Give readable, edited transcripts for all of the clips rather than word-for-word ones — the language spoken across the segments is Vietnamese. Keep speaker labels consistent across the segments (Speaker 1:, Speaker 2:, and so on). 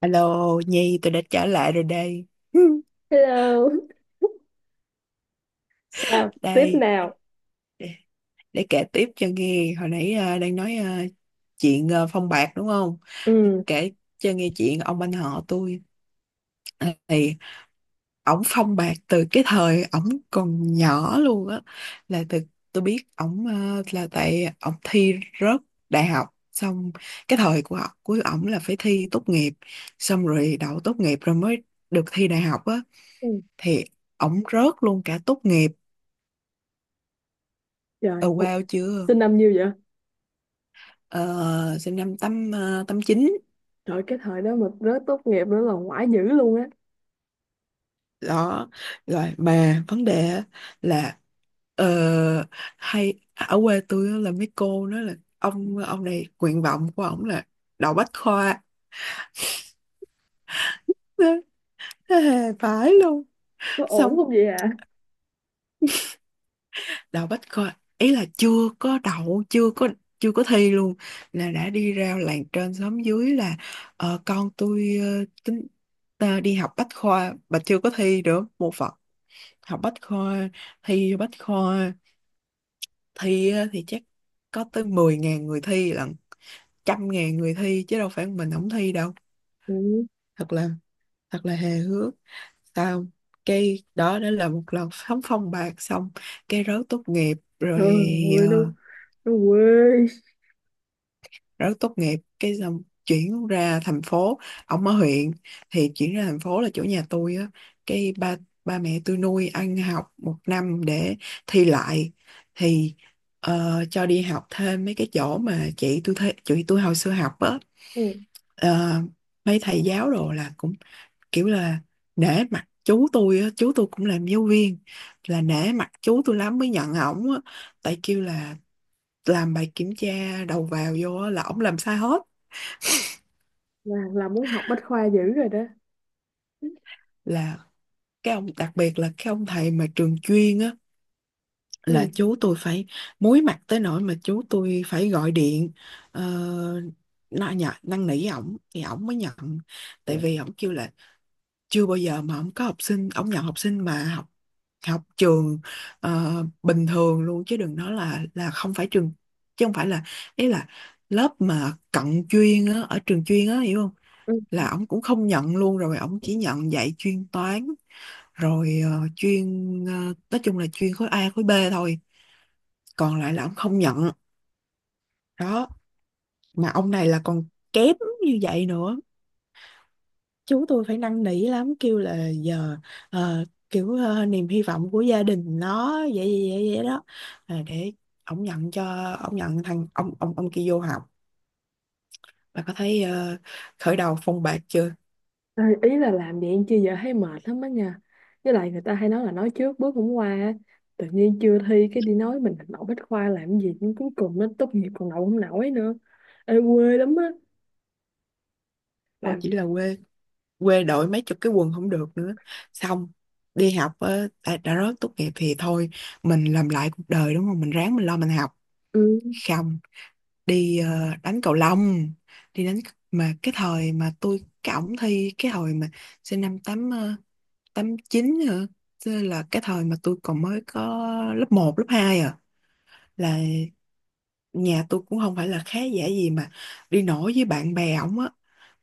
Speaker 1: Alo Nhi, tôi đã trở lại rồi đây.
Speaker 2: Hello. Sao? Tiếp
Speaker 1: Đây
Speaker 2: nào.
Speaker 1: để, để kể tiếp cho nghe. Hồi nãy đang nói chuyện phong bạc đúng không?
Speaker 2: Ừ.
Speaker 1: Kể cho nghe chuyện ông anh họ tôi. Thì ổng phong bạc từ cái thời ổng còn nhỏ luôn á. Là từ tôi biết ổng, là tại ổng thi rớt đại học xong. Cái thời của ổng, là phải thi tốt nghiệp xong rồi đậu tốt nghiệp rồi mới được thi đại học á.
Speaker 2: Ừ.
Speaker 1: Thì ổng rớt luôn cả tốt nghiệp.
Speaker 2: Trời!
Speaker 1: Ờ
Speaker 2: Ủa,
Speaker 1: wow chưa?
Speaker 2: sinh năm nhiêu vậy?
Speaker 1: Ờ, Sinh năm tám chín.
Speaker 2: Trời, cái thời đó mà rớt tốt nghiệp nữa là ngoại dữ luôn á.
Speaker 1: Đó, rồi mà vấn đề á là, ờ, ở quê tôi á là mấy cô nói là ông này nguyện vọng của ổng là đậu bách khoa. Hề phải luôn.
Speaker 2: Có ổn
Speaker 1: Xong
Speaker 2: không vậy ạ?
Speaker 1: đậu bách khoa, ý là chưa có đậu, chưa có thi luôn, là đã đi ra làng trên xóm dưới là, con tôi tính ta đi học bách khoa mà chưa có thi được một phật. Học bách khoa, thi bách khoa. Thi á, thì chắc có tới 10.000 người thi lận, 100.000 người thi chứ đâu phải mình không thi đâu.
Speaker 2: Ừ.
Speaker 1: thật là Thật là hề hước sao. Cái đó đó là một lần sóng phong bạc. Xong cái rớt tốt nghiệp
Speaker 2: Trời
Speaker 1: rồi.
Speaker 2: ơi,
Speaker 1: ờ,
Speaker 2: nó quê.
Speaker 1: Rất tốt nghiệp cái xong chuyển ra thành phố. Ổng ở huyện thì chuyển ra thành phố là chỗ nhà tôi á. Cái ba ba mẹ tôi nuôi ăn học một năm để thi lại. Thì cho đi học thêm mấy cái chỗ mà chị tôi thấy, chị tôi hồi xưa học á.
Speaker 2: Ừ.
Speaker 1: Ờ, Mấy thầy giáo đồ là cũng kiểu là nể mặt chú tôi á. Chú tôi cũng làm giáo viên, là nể mặt chú tôi lắm mới nhận ổng á. Tại kêu là làm bài kiểm tra đầu vào vô á, là ổng làm sai hết.
Speaker 2: Là muốn học bách khoa dữ rồi đó.
Speaker 1: Là cái ông đặc biệt là cái ông thầy mà trường chuyên á, là
Speaker 2: Ừ.
Speaker 1: chú tôi phải muối mặt tới nỗi mà chú tôi phải gọi điện ờ, nó nhận năn nỉ ổng thì ổng mới nhận. Tại vì ổng kêu là chưa bao giờ mà ổng nhận học sinh mà học học trường ờ, bình thường luôn, chứ đừng nói là không phải trường, chứ không phải là, ý là lớp mà cận chuyên á ở trường chuyên á, hiểu không?
Speaker 2: Ừ.
Speaker 1: Là ổng cũng không nhận luôn, rồi ổng chỉ nhận dạy chuyên toán, rồi nói chung là chuyên khối A khối B thôi, còn lại là ổng không nhận. Đó, mà ông này là còn kém như vậy nữa. Chú tôi phải năn nỉ lắm, kêu là giờ niềm hy vọng của gia đình nó vậy vậy vậy, vậy đó. Để ổng nhận, cho ổng nhận thằng ông kia vô học. Bà có thấy khởi đầu phong bạc chưa?
Speaker 2: À, ý là làm vậy chứ giờ thấy mệt lắm á nha. Với lại người ta hay nói là nói trước bước cũng qua á. Tự nhiên chưa thi cái đi nói mình đậu bách khoa làm gì cũng cuối cùng nó tốt nghiệp còn đậu không nổi nữa. Ê, quê lắm á.
Speaker 1: Thôi,
Speaker 2: Làm.
Speaker 1: chỉ là quê, quê đội mấy chục cái quần không được nữa. Xong đi học á, đã rớt tốt nghiệp thì thôi, mình làm lại cuộc đời đúng không? Mình ráng mình lo mình học.
Speaker 2: Ừ.
Speaker 1: Không, đi đánh cầu lông. Đi đánh. Mà cái thời mà tôi ổng thi cái hồi mà sinh năm tám chín hả? Chứ là cái thời mà tôi còn mới có lớp một lớp 2 à, là nhà tôi cũng không phải là khá giả gì mà đi nổi với bạn bè ổng á.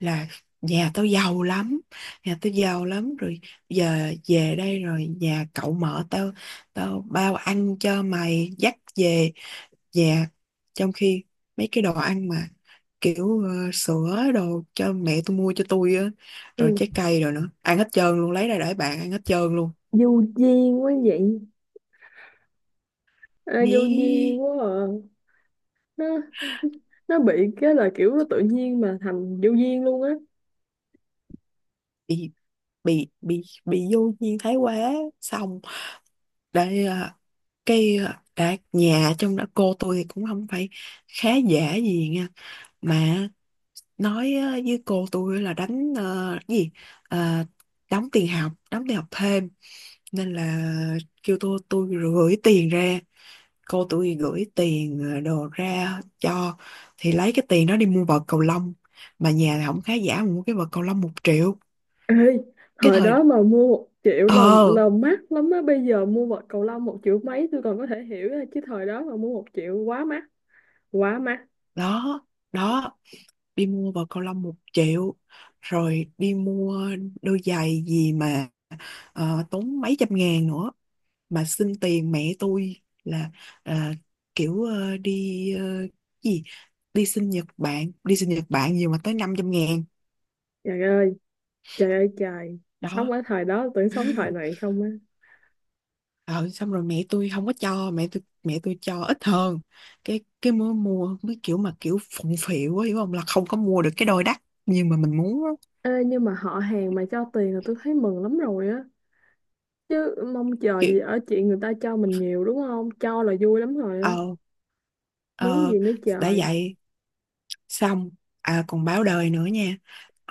Speaker 1: Là nhà tao giàu lắm, rồi giờ về đây rồi nhà cậu mở, tao tao bao ăn cho, mày dắt về nhà. Trong khi mấy cái đồ ăn mà kiểu sữa đồ cho mẹ tôi mua cho tôi á, rồi trái
Speaker 2: Ừ.
Speaker 1: cây rồi nữa, ăn hết trơn luôn, lấy ra để bạn ăn hết trơn luôn.
Speaker 2: Vô duyên quá vậy. À, vô duyên
Speaker 1: Ý,
Speaker 2: quá à. nó nó bị cái là kiểu nó tự nhiên mà thành vô duyên luôn á.
Speaker 1: bị bị vô duyên thái quá. Xong để đã, nhà trong đó cô tôi thì cũng không phải khá giả gì nha. Mà nói với cô tôi là đánh Ờ, đóng tiền học thêm. Nên là kêu tôi, gửi tiền ra, cô tôi gửi tiền đồ ra cho. Thì lấy cái tiền đó đi mua vợt cầu lông, mà nhà là không khá giả mà mua cái vợt cầu lông 1 triệu.
Speaker 2: Ê,
Speaker 1: Cái
Speaker 2: thời
Speaker 1: thời
Speaker 2: đó mà mua một triệu
Speaker 1: ờ
Speaker 2: là mắc lắm á, bây giờ mua vật cầu lông một triệu mấy tôi còn có thể hiểu á. Chứ thời đó mà mua một triệu quá mắc, quá mắc.
Speaker 1: đó. đó Đi mua vợt cầu lông 1 triệu, rồi đi mua đôi giày gì mà tốn mấy trăm ngàn nữa. Mà xin tiền mẹ tôi là à, kiểu ờ, đi ờ, gì đi sinh Nhật Bản, nhiều mà tới 500.000.
Speaker 2: Trời ơi, trời ơi trời.
Speaker 1: Đó.
Speaker 2: Sống ở thời đó tưởng sống thời này không á.
Speaker 1: Ờ, Xong rồi mẹ tôi không có cho, mẹ tôi cho ít hơn. Cái mới mua mới kiểu, mà kiểu phụng phịu á hiểu không, là không có mua được cái đôi đắt nhưng mà mình muốn á.
Speaker 2: Ê nhưng mà họ hàng mà cho tiền là tôi thấy mừng lắm rồi, chứ mong chờ
Speaker 1: Kiểu
Speaker 2: gì ở chuyện người ta cho mình nhiều, đúng không? Cho là vui lắm rồi á.
Speaker 1: ờ
Speaker 2: Muốn
Speaker 1: ờ
Speaker 2: gì nữa
Speaker 1: đã
Speaker 2: trời.
Speaker 1: vậy. Xong à, còn báo đời nữa nha.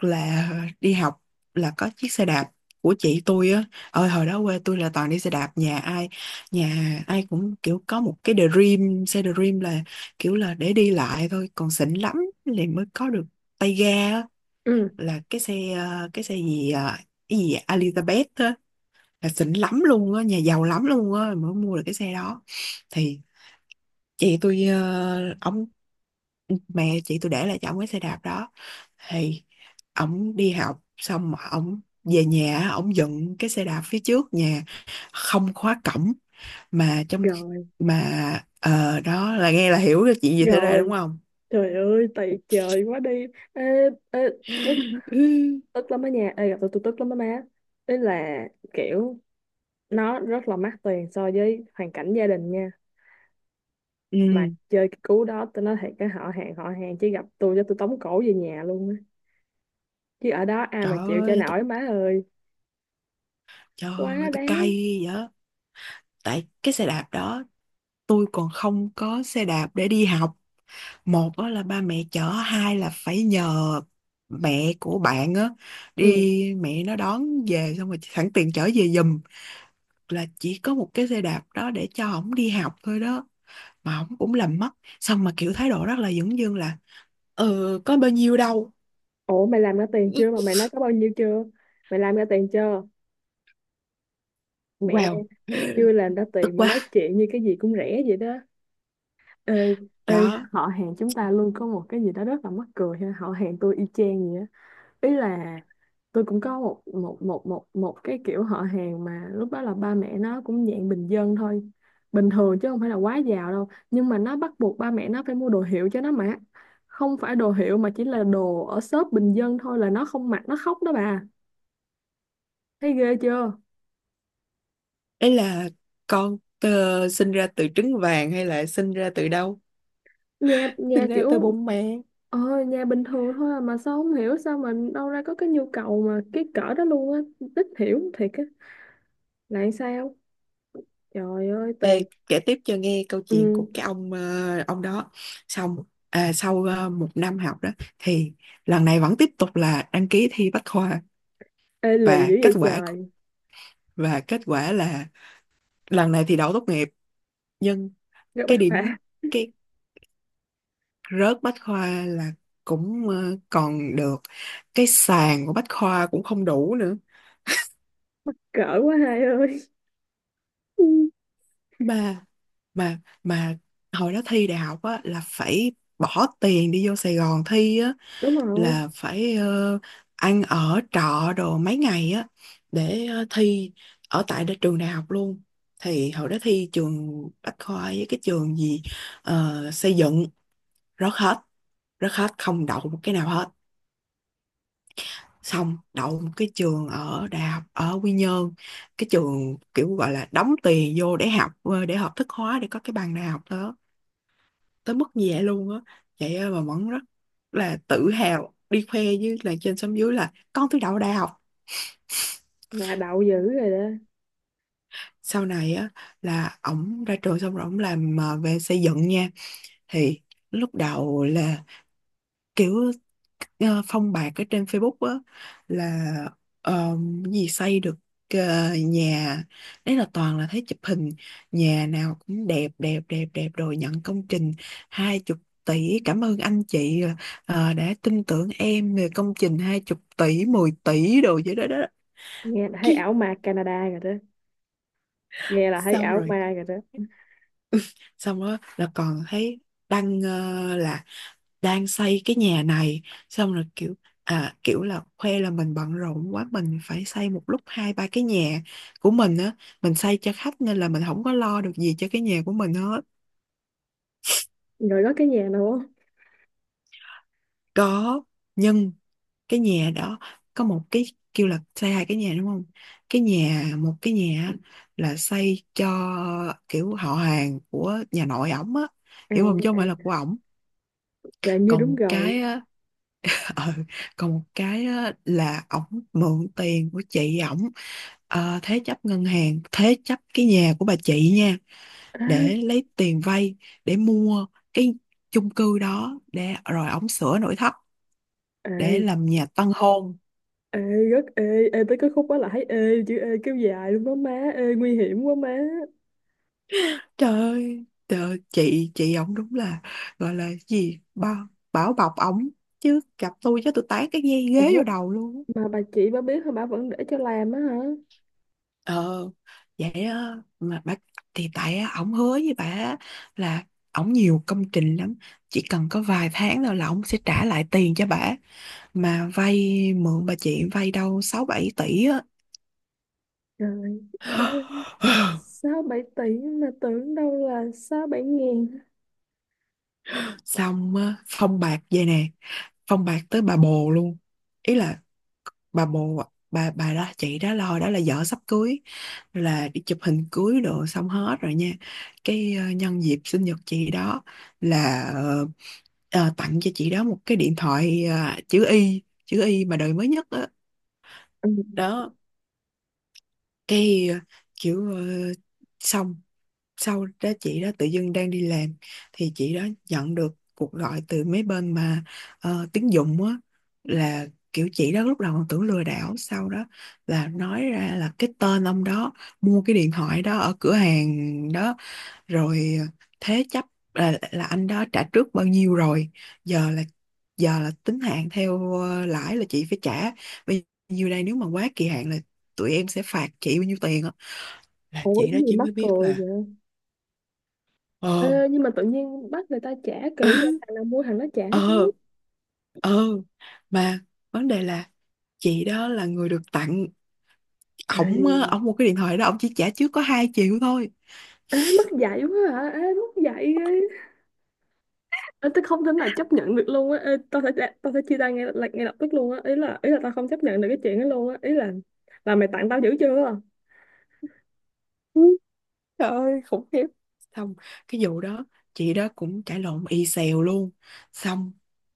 Speaker 1: Là đi học là có chiếc xe đạp của chị tôi á. Ơi hồi đó quê tôi là toàn đi xe đạp, nhà ai cũng kiểu có một cái Dream, xe Dream là kiểu là để đi lại thôi, còn xịn lắm thì mới có được tay ga á,
Speaker 2: Ừ.
Speaker 1: là cái xe, ờ, cái xe gì ờ, cái gì Elizabeth á, là xịn lắm luôn á, nhà giàu lắm luôn á mới mua được cái xe đó. Thì chị tôi uh, mẹ chị tôi để lại cho ổng cái xe đạp đó. Thì ổng đi học xong mà ổng về nhà, ổng dựng cái xe đạp phía trước nhà không khóa cổng. Mà trong
Speaker 2: Rồi,
Speaker 1: mà ờ Đó là nghe là hiểu được chuyện gì xảy ra đúng
Speaker 2: rồi.
Speaker 1: không.
Speaker 2: Trời ơi, tày trời quá đi. Ê, ê, tức,
Speaker 1: Ừ,
Speaker 2: tức lắm á nha. Ê gặp tôi tức lắm á má. Ý là kiểu, nó rất là mắc tiền so với hoàn cảnh gia đình nha.
Speaker 1: ừ.
Speaker 2: Mà chơi cái cú đó tôi nói thiệt cái họ hàng, họ hàng chỉ gặp tôi cho tôi tống cổ về nhà luôn á. Chứ ở đó ai
Speaker 1: trời
Speaker 2: mà chịu chơi
Speaker 1: ơi tôi,
Speaker 2: nổi má ơi.
Speaker 1: Trời ơi
Speaker 2: Quá
Speaker 1: tôi
Speaker 2: đáng.
Speaker 1: cay vậy á. Tại cái xe đạp đó, tôi còn không có xe đạp để đi học. Một á là ba mẹ chở, hai là phải nhờ mẹ của bạn á,
Speaker 2: Ừ.
Speaker 1: đi mẹ nó đón về xong rồi sẵn tiền chở về giùm. Là chỉ có một cái xe đạp đó để cho ổng đi học thôi đó, mà ổng cũng làm mất. Xong mà kiểu thái độ rất là dửng dưng là ừ có bao nhiêu đâu.
Speaker 2: Ủa mày làm ra tiền chưa mà mày nói có bao nhiêu chưa? Mày làm ra tiền chưa? Mẹ,
Speaker 1: Wow.
Speaker 2: chưa làm ra
Speaker 1: Tức
Speaker 2: tiền mà
Speaker 1: quá.
Speaker 2: nói chuyện như cái gì cũng rẻ vậy đó. Ê, ê,
Speaker 1: đó
Speaker 2: họ hàng chúng ta luôn có một cái gì đó rất là mắc cười ha. Họ hàng tôi y chang vậy á. Ý là tôi cũng có một một một một một cái kiểu họ hàng mà lúc đó là ba mẹ nó cũng dạng bình dân thôi. Bình thường chứ không phải là quá giàu đâu. Nhưng mà nó bắt buộc ba mẹ nó phải mua đồ hiệu cho nó mặc. Không phải đồ hiệu mà chỉ là đồ ở shop bình dân thôi là nó không mặc, nó khóc đó bà. Thấy ghê chưa?
Speaker 1: Ấy là con sinh ra từ trứng vàng hay là sinh ra từ đâu,
Speaker 2: Nha nha
Speaker 1: sinh ra từ
Speaker 2: kiểu,
Speaker 1: bông mẹ.
Speaker 2: ờ nhà bình thường thôi à, mà sao không hiểu sao mà đâu ra có cái nhu cầu mà cái cỡ đó luôn á. Ít hiểu thiệt á. Lại sao. Trời ơi
Speaker 1: Ê,
Speaker 2: tiền.
Speaker 1: kể tiếp cho nghe câu chuyện của
Speaker 2: Ừ.
Speaker 1: cái ông đó. Xong à, sau một năm học đó thì lần này vẫn tiếp tục là đăng ký thi Bách khoa.
Speaker 2: Ê lì
Speaker 1: và
Speaker 2: dữ
Speaker 1: kết
Speaker 2: vậy
Speaker 1: quả
Speaker 2: trời.
Speaker 1: và kết quả là lần này thì đậu tốt nghiệp. Nhưng
Speaker 2: Gấp bách
Speaker 1: cái điểm,
Speaker 2: khoa.
Speaker 1: cái rớt Bách khoa là cũng còn được, cái sàn của Bách khoa cũng không đủ nữa.
Speaker 2: Cỡ quá hai ơi.
Speaker 1: Ừ. mà mà hồi đó thi đại học á là phải bỏ tiền đi vô Sài Gòn thi,
Speaker 2: Đúng rồi.
Speaker 1: là phải ăn ở trọ đồ mấy ngày á để thi ở tại trường đại học luôn. Thì hồi đó thi trường Bách Khoa với cái trường gì, xây dựng. rớt hết Rớt hết, không đậu một cái nào hết. Xong đậu một cái trường ở đại học ở Quy Nhơn, cái trường kiểu gọi là đóng tiền vô để học, để học thức hóa để có cái bằng đại học đó. Tới mức như vậy luôn á. Vậy á mà vẫn rất là tự hào đi khoe với là trên xóm dưới là con tôi đậu đại học.
Speaker 2: Là đậu dữ rồi đó.
Speaker 1: Sau này á là ổng ra trường xong rồi ổng làm về xây dựng nha. Thì lúc đầu là kiểu phong bạc ở trên Facebook á, là ờ, cái gì xây được ờ, nhà. Đấy là toàn là thấy chụp hình, nhà nào cũng đẹp đẹp đẹp đẹp, rồi nhận công trình 20 tỷ, cảm ơn anh chị đã tin tưởng em về công trình 20 tỷ, 10 tỷ đồ vậy đó đó.
Speaker 2: Nghe là thấy ảo ma Canada rồi đó. Nghe là thấy
Speaker 1: xong
Speaker 2: ảo
Speaker 1: rồi
Speaker 2: ma rồi đó.
Speaker 1: Xong đó là còn thấy đăng, là đang xây cái nhà này. Xong rồi kiểu kiểu là khoe là mình bận rộn quá, mình phải xây một lúc hai ba cái nhà của mình á, mình xây cho khách nên là mình không có lo được gì cho cái nhà của mình hết.
Speaker 2: Rồi có cái nhà nào không?
Speaker 1: Có, nhưng cái nhà đó có một cái, kêu là xây hai cái nhà đúng không. Cái nhà Một cái nhà á, là xây cho kiểu họ hàng của nhà nội ổng á,
Speaker 2: À. À,
Speaker 1: hiểu không, chứ không phải là của ổng.
Speaker 2: trời như
Speaker 1: Còn
Speaker 2: đúng
Speaker 1: một
Speaker 2: rồi.
Speaker 1: cái á. ờ, còn một cái á, Là ổng mượn tiền của chị ổng, thế chấp ngân hàng, thế chấp cái nhà của bà chị nha, để
Speaker 2: Ê,
Speaker 1: lấy tiền vay để mua cái chung cư Đó để rồi ổng sửa nội thất để
Speaker 2: ê,
Speaker 1: làm nhà tân hôn.
Speaker 2: ê, rất ê ê tới cái khúc đó là thấy ê chữ ê kéo dài luôn đó má. Ê nguy hiểm quá má.
Speaker 1: Trời ơi trời ơi, chị ổng đúng là, gọi là gì, bảo bọc ổng, chứ gặp tôi chứ tôi tán cái dây ghế
Speaker 2: Ủa
Speaker 1: vô đầu luôn á.
Speaker 2: mà bà chị bà biết hả, bà vẫn để cho làm á hả?
Speaker 1: Ờ vậy á, mà bác thì tại á, ổng hứa với bà á là ổng nhiều công trình lắm, chỉ cần có vài tháng thôi là ổng sẽ trả lại tiền cho bà. Mà vay mượn bà chị vay đâu 6 7 tỷ á.
Speaker 2: Trời ơi, sáu bảy tỷ mà tưởng đâu là sáu bảy ngàn.
Speaker 1: xong á, phong bạc vậy nè, phong bạc tới bà bồ luôn. Ý là bà bồ, bà đó, chị đó lo đó là vợ sắp cưới, là đi chụp hình cưới đồ xong hết rồi nha. Cái nhân dịp sinh nhật chị đó, là tặng cho chị đó một cái điện thoại, chữ Y chữ Y mà đời mới nhất đó.
Speaker 2: Ừ.
Speaker 1: Đó cái kiểu ờ, xong sau đó chị đó tự dưng đang đi làm thì chị đó nhận được cuộc gọi từ mấy bên mà tín dụng á, là kiểu chị đó lúc đầu còn tưởng lừa đảo, sau đó là nói ra là cái tên ông đó mua cái điện thoại đó ở cửa hàng đó rồi thế chấp, là anh đó trả trước bao nhiêu rồi, giờ là giờ là tính hạn theo lãi, là chị phải trả bây nhiêu đây, nếu mà quá kỳ hạn là tụi em sẽ phạt chị bao nhiêu tiền á. Là
Speaker 2: Ủa
Speaker 1: chị
Speaker 2: cái
Speaker 1: đó
Speaker 2: gì
Speaker 1: chỉ
Speaker 2: mắc
Speaker 1: mới biết
Speaker 2: cười
Speaker 1: là
Speaker 2: vậy?
Speaker 1: ờ.
Speaker 2: Ê nhưng mà tự nhiên bắt người ta trả kỹ vậy, thằng nào mua thằng nó trả chứ.
Speaker 1: ờ ờ mà vấn đề là chị đó là người được tặng. Ổng á,
Speaker 2: Ê,
Speaker 1: ổng mua cái điện thoại đó ổng chỉ trả trước có 2 triệu thôi.
Speaker 2: à, mất dạy quá hả, ê mất dạy ghê. Ê, tôi không thể nào chấp nhận được luôn á. Ê, tao sẽ chia tay ngay lập tức luôn á, ý là tao không chấp nhận được cái chuyện đó luôn á, ý là mày tặng tao dữ chưa.
Speaker 1: Ừ, trời ơi, khủng khiếp. Xong cái vụ đó chị đó cũng cãi lộn y xèo luôn. Xong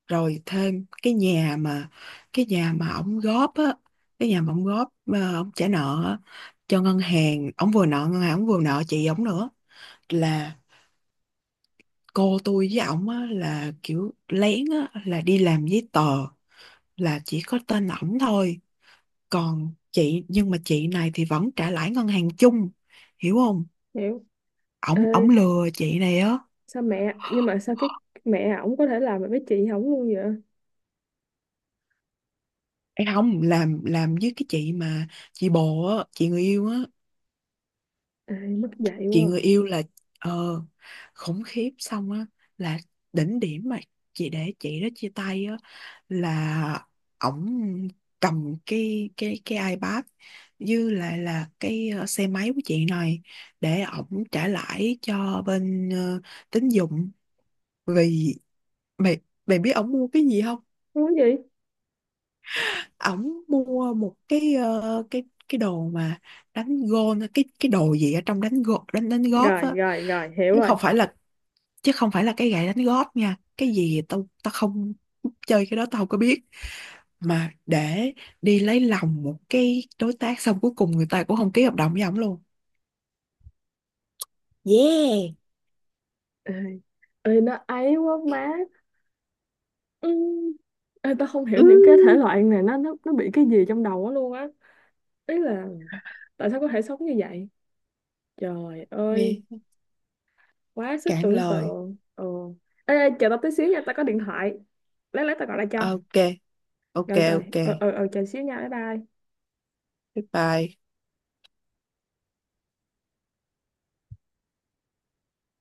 Speaker 1: rồi thêm cái nhà mà, cái nhà mà ổng góp á, cái nhà mà ổng góp mà ổng trả nợ á, cho ngân hàng, ổng vừa nợ ngân hàng, ổng vừa nợ chị ổng nữa, là cô tôi với ổng á là kiểu lén á là đi làm giấy tờ là chỉ có tên ổng thôi, còn chị, nhưng mà chị này thì vẫn trả lãi ngân hàng chung, hiểu không.
Speaker 2: Hiểu.
Speaker 1: Ổng ổng
Speaker 2: Ê
Speaker 1: lừa chị này á.
Speaker 2: sao mẹ nhưng mà sao cái, mẹ ổng có thể làm được với chị ổng luôn vậy?
Speaker 1: Ê không, làm với cái chị mà chị bồ á, chị người yêu á,
Speaker 2: Ê mất dạy
Speaker 1: chị
Speaker 2: quá à.
Speaker 1: người yêu, là ờ khủng khiếp. Xong á, là đỉnh điểm mà chị để chị đó chia tay á, là ổng cầm cái iPad như là cái xe máy của chị này để ổng trả lãi cho bên tín dụng. Vì mày, mày biết ổng mua cái gì không?
Speaker 2: Muốn gì.
Speaker 1: Ổng mua một cái cái đồ mà đánh gôn cái đồ gì ở trong đánh gôn, đánh đánh golf
Speaker 2: Rồi
Speaker 1: á,
Speaker 2: rồi rồi, hiểu
Speaker 1: chứ
Speaker 2: rồi.
Speaker 1: không phải là, chứ không phải là cái gậy đánh golf nha. Cái gì tao tao không chơi cái đó tao không có biết. Mà để đi lấy lòng một cái đối tác, xong cuối cùng người ta cũng không ký hợp đồng với ổng luôn. Yeah.
Speaker 2: Ê, ê, nó ấy quá má. Ừ. Ê tao không hiểu
Speaker 1: Ừ.
Speaker 2: những cái thể loại này, nó nó bị cái gì trong đầu á luôn á. Ý là tại sao có thể sống như vậy. Trời ơi,
Speaker 1: Nghe
Speaker 2: quá sức
Speaker 1: cạn
Speaker 2: tưởng
Speaker 1: lời.
Speaker 2: tượng. Ừ. Ê, ê, chờ tao tí xíu nha, tao có điện thoại. Lát, lát tao gọi lại cho.
Speaker 1: Ok ok
Speaker 2: Rồi rồi,
Speaker 1: ok.
Speaker 2: ờ ờ ờ, chờ xíu nha, bye bye.
Speaker 1: Goodbye.